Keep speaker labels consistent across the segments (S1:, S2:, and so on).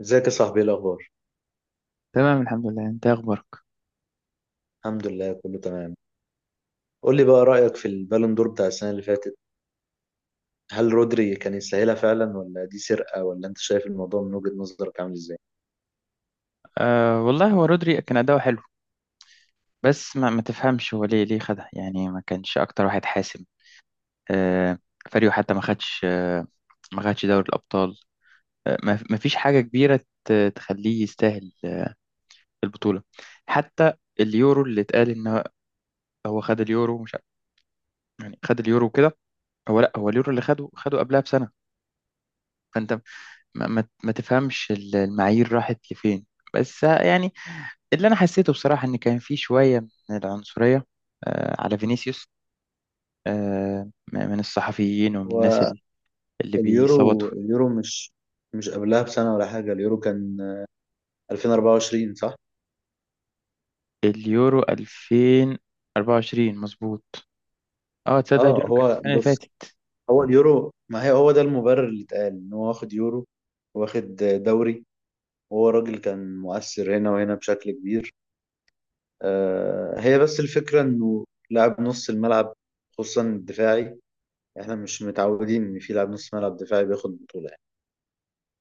S1: ازيك يا صاحبي؟ ايه الاخبار؟
S2: تمام، الحمد لله. انت إيه اخبارك؟
S1: الحمد لله كله تمام. قول لي بقى رايك في البالون دور بتاع السنه اللي فاتت. هل رودري كان يستاهلها فعلا ولا دي سرقه؟ ولا انت شايف الموضوع من وجهه نظرك عامل ازاي؟
S2: أه والله، هو رودري كان اداؤه حلو. بس ما تفهمش هو ليه خدها. يعني ما كانش اكتر واحد حاسم. أه فريقه حتى ما خدش ما خدش دوري الابطال. ما فيش حاجه كبيره تخليه يستاهل البطوله حتى. اليورو اللي اتقال ان هو خد اليورو مش ع- يعني خد اليورو كده. هو، لا، هو اليورو اللي خده قبلها بسنه. فانت ما تفهمش المعايير راحت لفين. بس يعني اللي انا حسيته بصراحه ان كان في شويه من العنصريه على فينيسيوس، من الصحفيين ومن الناس
S1: هو
S2: اللي بيصوتوا.
S1: اليورو مش قبلها بسنه ولا حاجه، اليورو كان 2024 صح؟
S2: اليورو 2024 مظبوط. اه، تصدق
S1: اه
S2: اليورو كان
S1: هو
S2: السنه اللي
S1: بص،
S2: فاتت.
S1: هو اليورو، ما هي هو ده المبرر اللي اتقال، ان هو واخد يورو، واخد دوري، وهو راجل كان مؤثر هنا وهنا بشكل كبير. هي بس الفكرة انه لاعب نص الملعب، خصوصا الدفاعي. احنا مش متعودين ان في لاعب نص ملعب دفاعي بياخد بطولة يعني،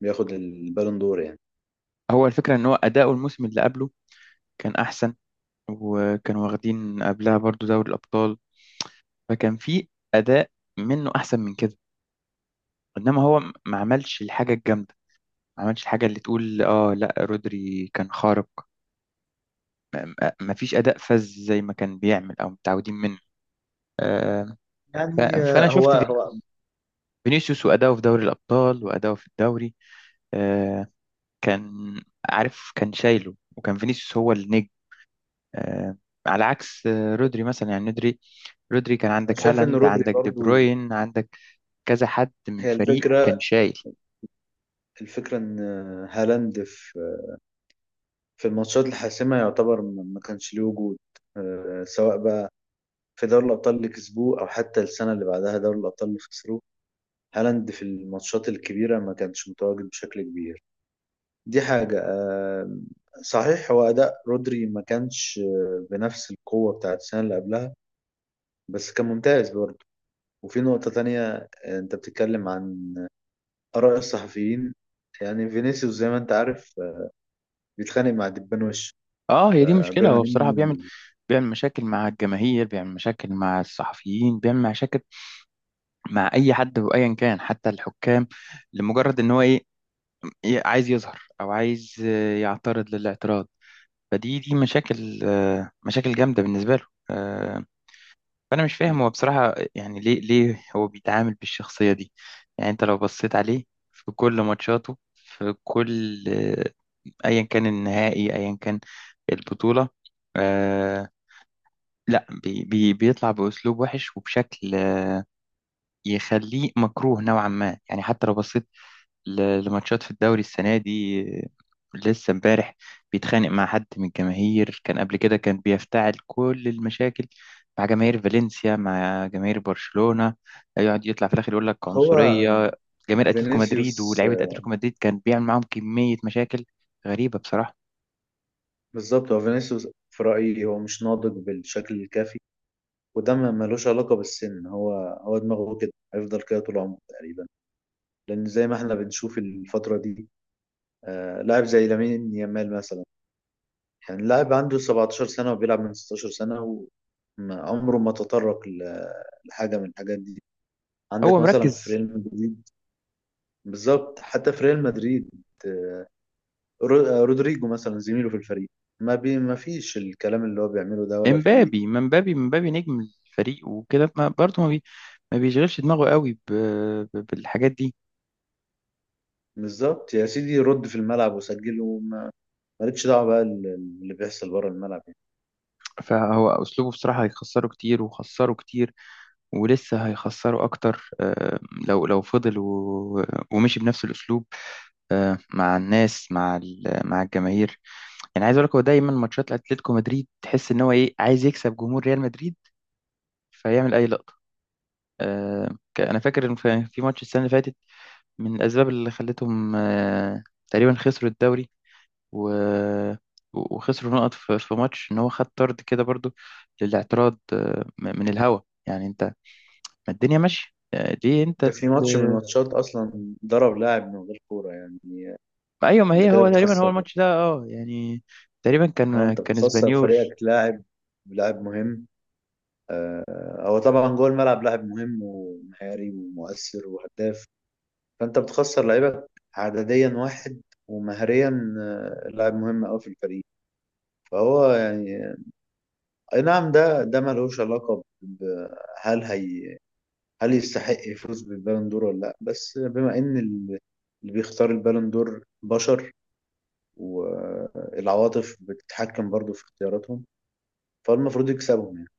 S1: بياخد البالون دور يعني.
S2: هو الفكره ان هو اداؤه الموسم اللي قبله كان احسن، وكانوا واخدين قبلها برضو دوري الابطال. فكان في اداء منه احسن من كده. انما هو ما عملش الحاجه الجامده، ما عملش الحاجة اللي تقول اه لا رودري كان خارق. ما فيش أداء فذ زي ما كان بيعمل أو متعودين منه، آه، ف-
S1: يعني
S2: فأنا
S1: هو
S2: شفت
S1: هو
S2: فينيسيوس وأداؤه في دوري الأبطال وأداؤه في الدوري، آه، كان عارف، كان شايله وكان فينيسيوس هو النجم، آه، على عكس رودري مثلا. يعني رودري كان
S1: أنا
S2: عندك
S1: شايف ان
S2: هالاند،
S1: رودري
S2: عندك دي
S1: برضو،
S2: بروين، عندك كذا حد من
S1: هي
S2: الفريق كان
S1: الفكرة
S2: شايل.
S1: الفكرة ان هالاند في في الماتشات الحاسمة يعتبر ما كانش ليه وجود. سواء بقى في دوري الابطال اللي كسبوه او حتى السنة اللي بعدها دوري الابطال اللي خسروه، هالاند في الماتشات الكبيرة ما كانش متواجد بشكل كبير. دي حاجة. صحيح هو أداء رودري ما كانش بنفس القوة بتاعت السنة اللي قبلها، بس كان ممتاز برضه. وفي نقطة تانية، أنت بتتكلم عن آراء الصحفيين. يعني فينيسيوس زي ما أنت عارف بيتخانق مع دبان وش.
S2: اه، هي دي مشكلة.
S1: بما
S2: هو بصراحة بيعمل
S1: إن
S2: بيعمل مشاكل مع الجماهير، بيعمل مشاكل مع الصحفيين، بيعمل مشاكل مع اي حد وايا كان، حتى الحكام، لمجرد ان هو ايه، إيه عايز يظهر او عايز يعترض للاعتراض. فدي مشاكل، مشاكل جامده بالنسبه له، فانا مش فاهم هو بصراحه يعني ليه هو بيتعامل بالشخصيه دي. يعني انت لو بصيت عليه في كل ماتشاته، في كل، ايا كان النهائي، ايا كان البطوله، آه، لا بي بيطلع بأسلوب وحش وبشكل يخليه مكروه نوعا ما. يعني حتى لو بصيت لماتشات في الدوري السنة دي، لسه امبارح بيتخانق مع حد من الجماهير. كان قبل كده كان بيفتعل كل المشاكل مع جماهير فالنسيا، مع جماهير برشلونة، يقعد يطلع في الآخر يقول لك
S1: هو
S2: عنصرية. جماهير أتلتيكو مدريد
S1: فينيسيوس،
S2: ولاعيبة أتلتيكو مدريد كان بيعمل معاهم كمية مشاكل غريبة بصراحة.
S1: بالظبط هو فينيسيوس في رأيي هو مش ناضج بالشكل الكافي. وده ما ملوش علاقة بالسن، هو دماغه كده، هيفضل كده طول عمره تقريبا. لأن زي ما احنا بنشوف الفترة دي، لاعب زي لامين يامال مثلا، يعني لاعب عنده 17 سنة وبيلعب من 16 سنة، وعمره ما تطرق لحاجة من الحاجات دي.
S2: هو
S1: عندك مثلا في
S2: مركز،
S1: ريال مدريد، بالظبط حتى في ريال مدريد، آه، رودريجو مثلا زميله في الفريق، ما فيش الكلام اللي هو بيعمله ده ولا فيه.
S2: امبابي، ما امبابي، امبابي نجم الفريق وكده. ما برضه ما بيشغلش دماغه قوي ب... بالحاجات دي.
S1: بالظبط يا سيدي، رد في الملعب وسجل، مالكش دعوة بقى اللي بيحصل بره الملعب يعني.
S2: فهو اسلوبه بصراحه هيخسره كتير، وخسره كتير، ولسه هيخسروا أكتر، لو فضل ومشي بنفس الأسلوب، مع الناس، مع مع الجماهير. يعني عايز أقول لك هو دايما ماتشات أتلتيكو مدريد تحس إن هو إيه عايز يكسب جمهور ريال مدريد، فيعمل أي لقطة. أنا فاكر إن في ماتش السنة اللي فاتت، من الأسباب اللي خلتهم، تقريبا خسروا الدوري و- وخسروا نقط في ماتش، إن هو خد طرد كده برضو للاعتراض، من الهوا. يعني أنت، ما الدنيا ماشية، ليه
S1: ده
S2: أنت.
S1: في ماتش من الماتشات اصلا ضرب لاعب من غير كورة يعني.
S2: ايوه، ما
S1: انت
S2: هي
S1: كده
S2: هو تقريبا هو
S1: بتخسر،
S2: الماتش ده اه يعني تقريبا
S1: اه
S2: كان
S1: انت
S2: كان
S1: بتخسر
S2: اسبانيول.
S1: فريقك لاعب، لاعب مهم. هو طبعا جوه الملعب لاعب مهم ومهاري ومؤثر وهداف، فانت بتخسر لعيبك عدديا واحد، ومهريا لاعب مهم قوي في الفريق. فهو يعني، اي نعم، ده ملوش علاقة هل هي، هل يستحق يفوز بالبالون دور ولا لا؟ بس بما ان اللي بيختار البالون دور بشر، والعواطف بتتحكم برضو في اختياراتهم، فالمفروض يكسبهم يعني.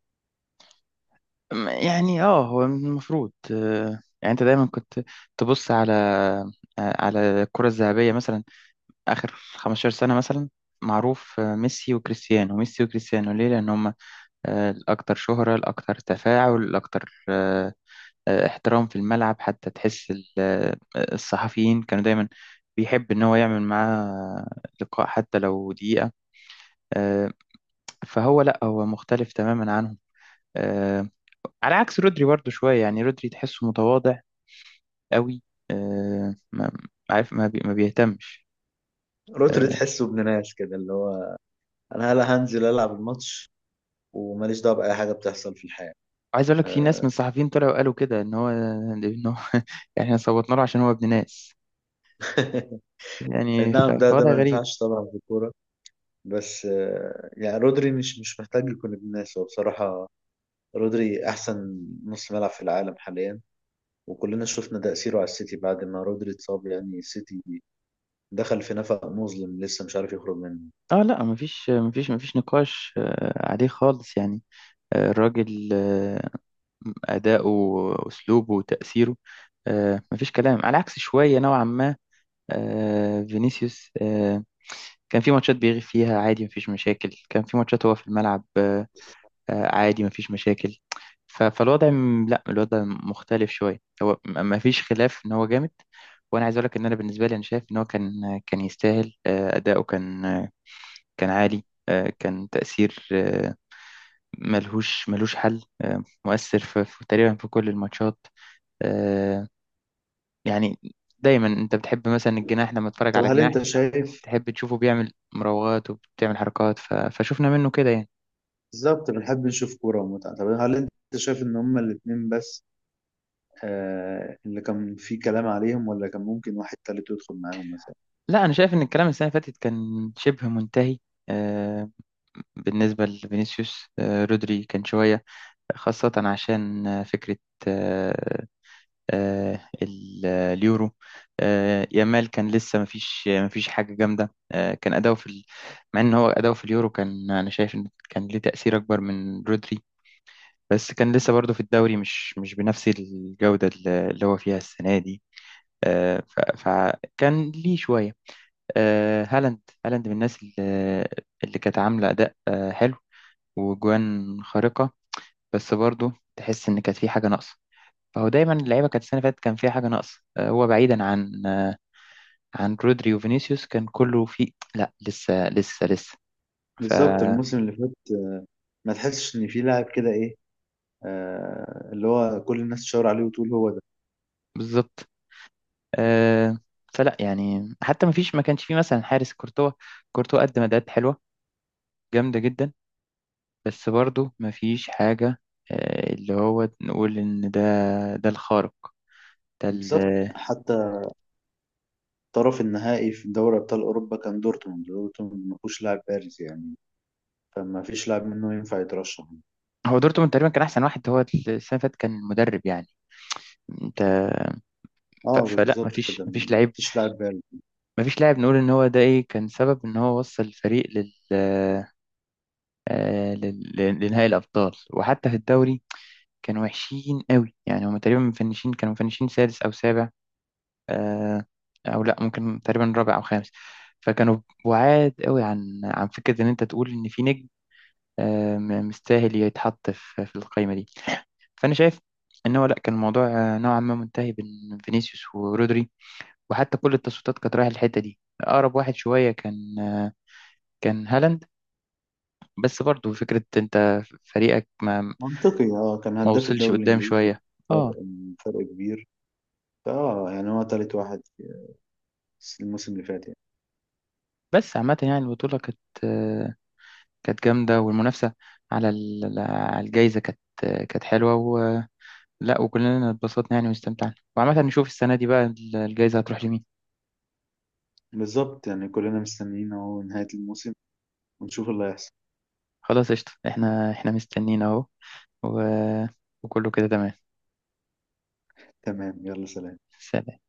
S2: يعني اه، هو المفروض، يعني انت دايما كنت تبص على، على الكرة الذهبية مثلا اخر 15 سنة مثلا. معروف، ميسي وكريستيانو، ميسي وكريستيانو ليه؟ لان هم، الاكثر شهرة، الاكثر تفاعل، الاكثر، احترام في الملعب. حتى تحس الصحفيين كانوا دايما بيحب ان هو يعمل معاه لقاء حتى لو دقيقة، آه، فهو لا، هو مختلف تماما عنهم. آه على عكس رودري برضو شوية، يعني رودري تحسه متواضع قوي. ما عارف، ما بيهتمش.
S1: روتري
S2: آه
S1: تحسه ابن ناس كده، اللي هو انا هلا هنزل العب الماتش، وماليش دعوه باي حاجه بتحصل في الحياه.
S2: عايز اقول لك في ناس من
S1: آه،
S2: الصحفيين طلعوا قالوا كده ان هو ان هو يعني احنا صوتنا له عشان هو ابن ناس.
S1: اي
S2: يعني
S1: نعم، ده
S2: فوضع
S1: ما
S2: غريب.
S1: ينفعش طبعا في الكوره. بس يعني رودري مش محتاج يكون ابن ناس هو بصراحه. رودري احسن نص ملعب في العالم حاليا، وكلنا شفنا تأثيره على السيتي بعد ما رودري اتصاب. يعني السيتي دخل في نفق مظلم لسه مش عارف يخرج منه.
S2: اه لا، ما فيش نقاش آه عليه خالص يعني. آه الراجل آه أداؤه وأسلوبه وتأثيره، آه ما فيش كلام. على عكس شوية نوعا ما، فينيسيوس، كان في ماتشات بيغيب فيها عادي، مفيش مشاكل. كان في ماتشات هو في الملعب، عادي مفيش مشاكل. فالوضع لا، الوضع مختلف شوية. هو مفيش خلاف إن هو جامد. وأنا عايز أقولك إن أنا بالنسبة لي أنا شايف إن هو كان يستاهل. أداؤه كان، كان عالي، كان تأثير، ملهوش حل، مؤثر في تقريبا في كل الماتشات، آه، يعني دايما أنت بتحب مثلا الجناح، لما تتفرج
S1: طب
S2: على
S1: هل
S2: جناح
S1: انت شايف
S2: تحب تشوفه بيعمل مراوغات وبتعمل حركات ف... فشوفنا منه كده يعني.
S1: بالظبط بنحب نشوف كوره ومتعه. طب هل انت شايف ان هما الاتنين بس آه اللي كان فيه كلام عليهم؟ ولا كان ممكن واحد تالت يدخل معاهم مثلا؟
S2: لا، انا شايف ان الكلام السنه اللي فاتت كان شبه منتهي، آه، بالنسبه لفينيسيوس. رودري كان شويه خاصه عشان، فكره، آه، اليورو. يامال كان لسه مفيش حاجه جامده، كان اداؤه في ال... مع ان هو اداؤه في اليورو كان انا شايف ان كان ليه تاثير اكبر من رودري، بس كان لسه برضه في الدوري مش بنفس الجودة اللي هو فيها السنة دي، فكان ليه شوية، هالاند. هالاند من الناس اللي كانت عاملة أداء، حلو وجوان خارقة، بس برضه تحس إن كانت في حاجة ناقصة. فهو دايما اللعيبة كانت السنة اللي فاتت كان فيها حاجة ناقصة، هو بعيدا عن، عن رودري وفينيسيوس كان كله في لا، لسه.
S1: بالظبط
S2: فبالظبط.
S1: الموسم اللي فات، ما تحسش ان في لاعب كده ايه، آه اللي هو كل الناس تشاور عليه وتقول هو ده.
S2: آه، فلا يعني حتى ما فيش، ما كانش فيه مثلا حارس كورتوا. كورتوا قدم أداءات حلوة جامدة جدا، بس برضو مفيش حاجة، اللي هو نقول إن ده، ده الخارق، ده
S1: بالظبط. حتى طرف النهائي في دوري ابطال اوروبا كان دورتموند، دورتموند ما فيهوش لاعب بارز يعني، فما فيش لاعب منه ينفع يترشح.
S2: هو دورتموند تقريبا كان أحسن واحد. هو السنة اللي فاتت كان المدرب يعني أنت.
S1: اه
S2: فلا
S1: بالظبط
S2: مفيش
S1: كده،
S2: مفيش
S1: ما
S2: لعيب،
S1: فيش لاعب بارز.
S2: مفيش لاعب نقول إن هو ده إيه كان سبب إن هو وصل الفريق لل، لنهائي الأبطال. وحتى في الدوري كانوا وحشين قوي يعني. هم تقريبا مفنشين، كانوا مفنشين سادس أو سابع، آه، او لا، ممكن تقريبا رابع او خامس. فكانوا بعاد قوي عن، عن فكره ان انت تقول ان في نجم، مستاهل يتحط في القائمه دي. فانا شايف ان هو لا، كان الموضوع، نوعا ما منتهي بين فينيسيوس ورودري. وحتى كل التصويتات كانت رايحه الحته دي. اقرب واحد شويه كان، كان هالاند، بس برضو فكره انت فريقك ما،
S1: منطقي، اه كان
S2: ما
S1: هداف
S2: وصلش
S1: الدوري
S2: قدام
S1: الانجليزي،
S2: شويه. اه.
S1: كان فرق كبير. فاه يعني هو تالت واحد في الموسم اللي فات يعني.
S2: بس عامه يعني البطوله كانت، آه، كانت جامدة، والمنافسة على على الجايزة كانت، كانت حلوة، ولا وكلنا اتبسطنا يعني واستمتعنا، وعامة نشوف السنة دي بقى الجايزة هتروح لمين.
S1: بالظبط. يعني كلنا مستنيين اهو نهاية الموسم ونشوف اللي هيحصل.
S2: خلاص، قشطة. احنا مستنيين اهو و... وكله كده تمام.
S1: تمام، يلا سلام.
S2: سلام.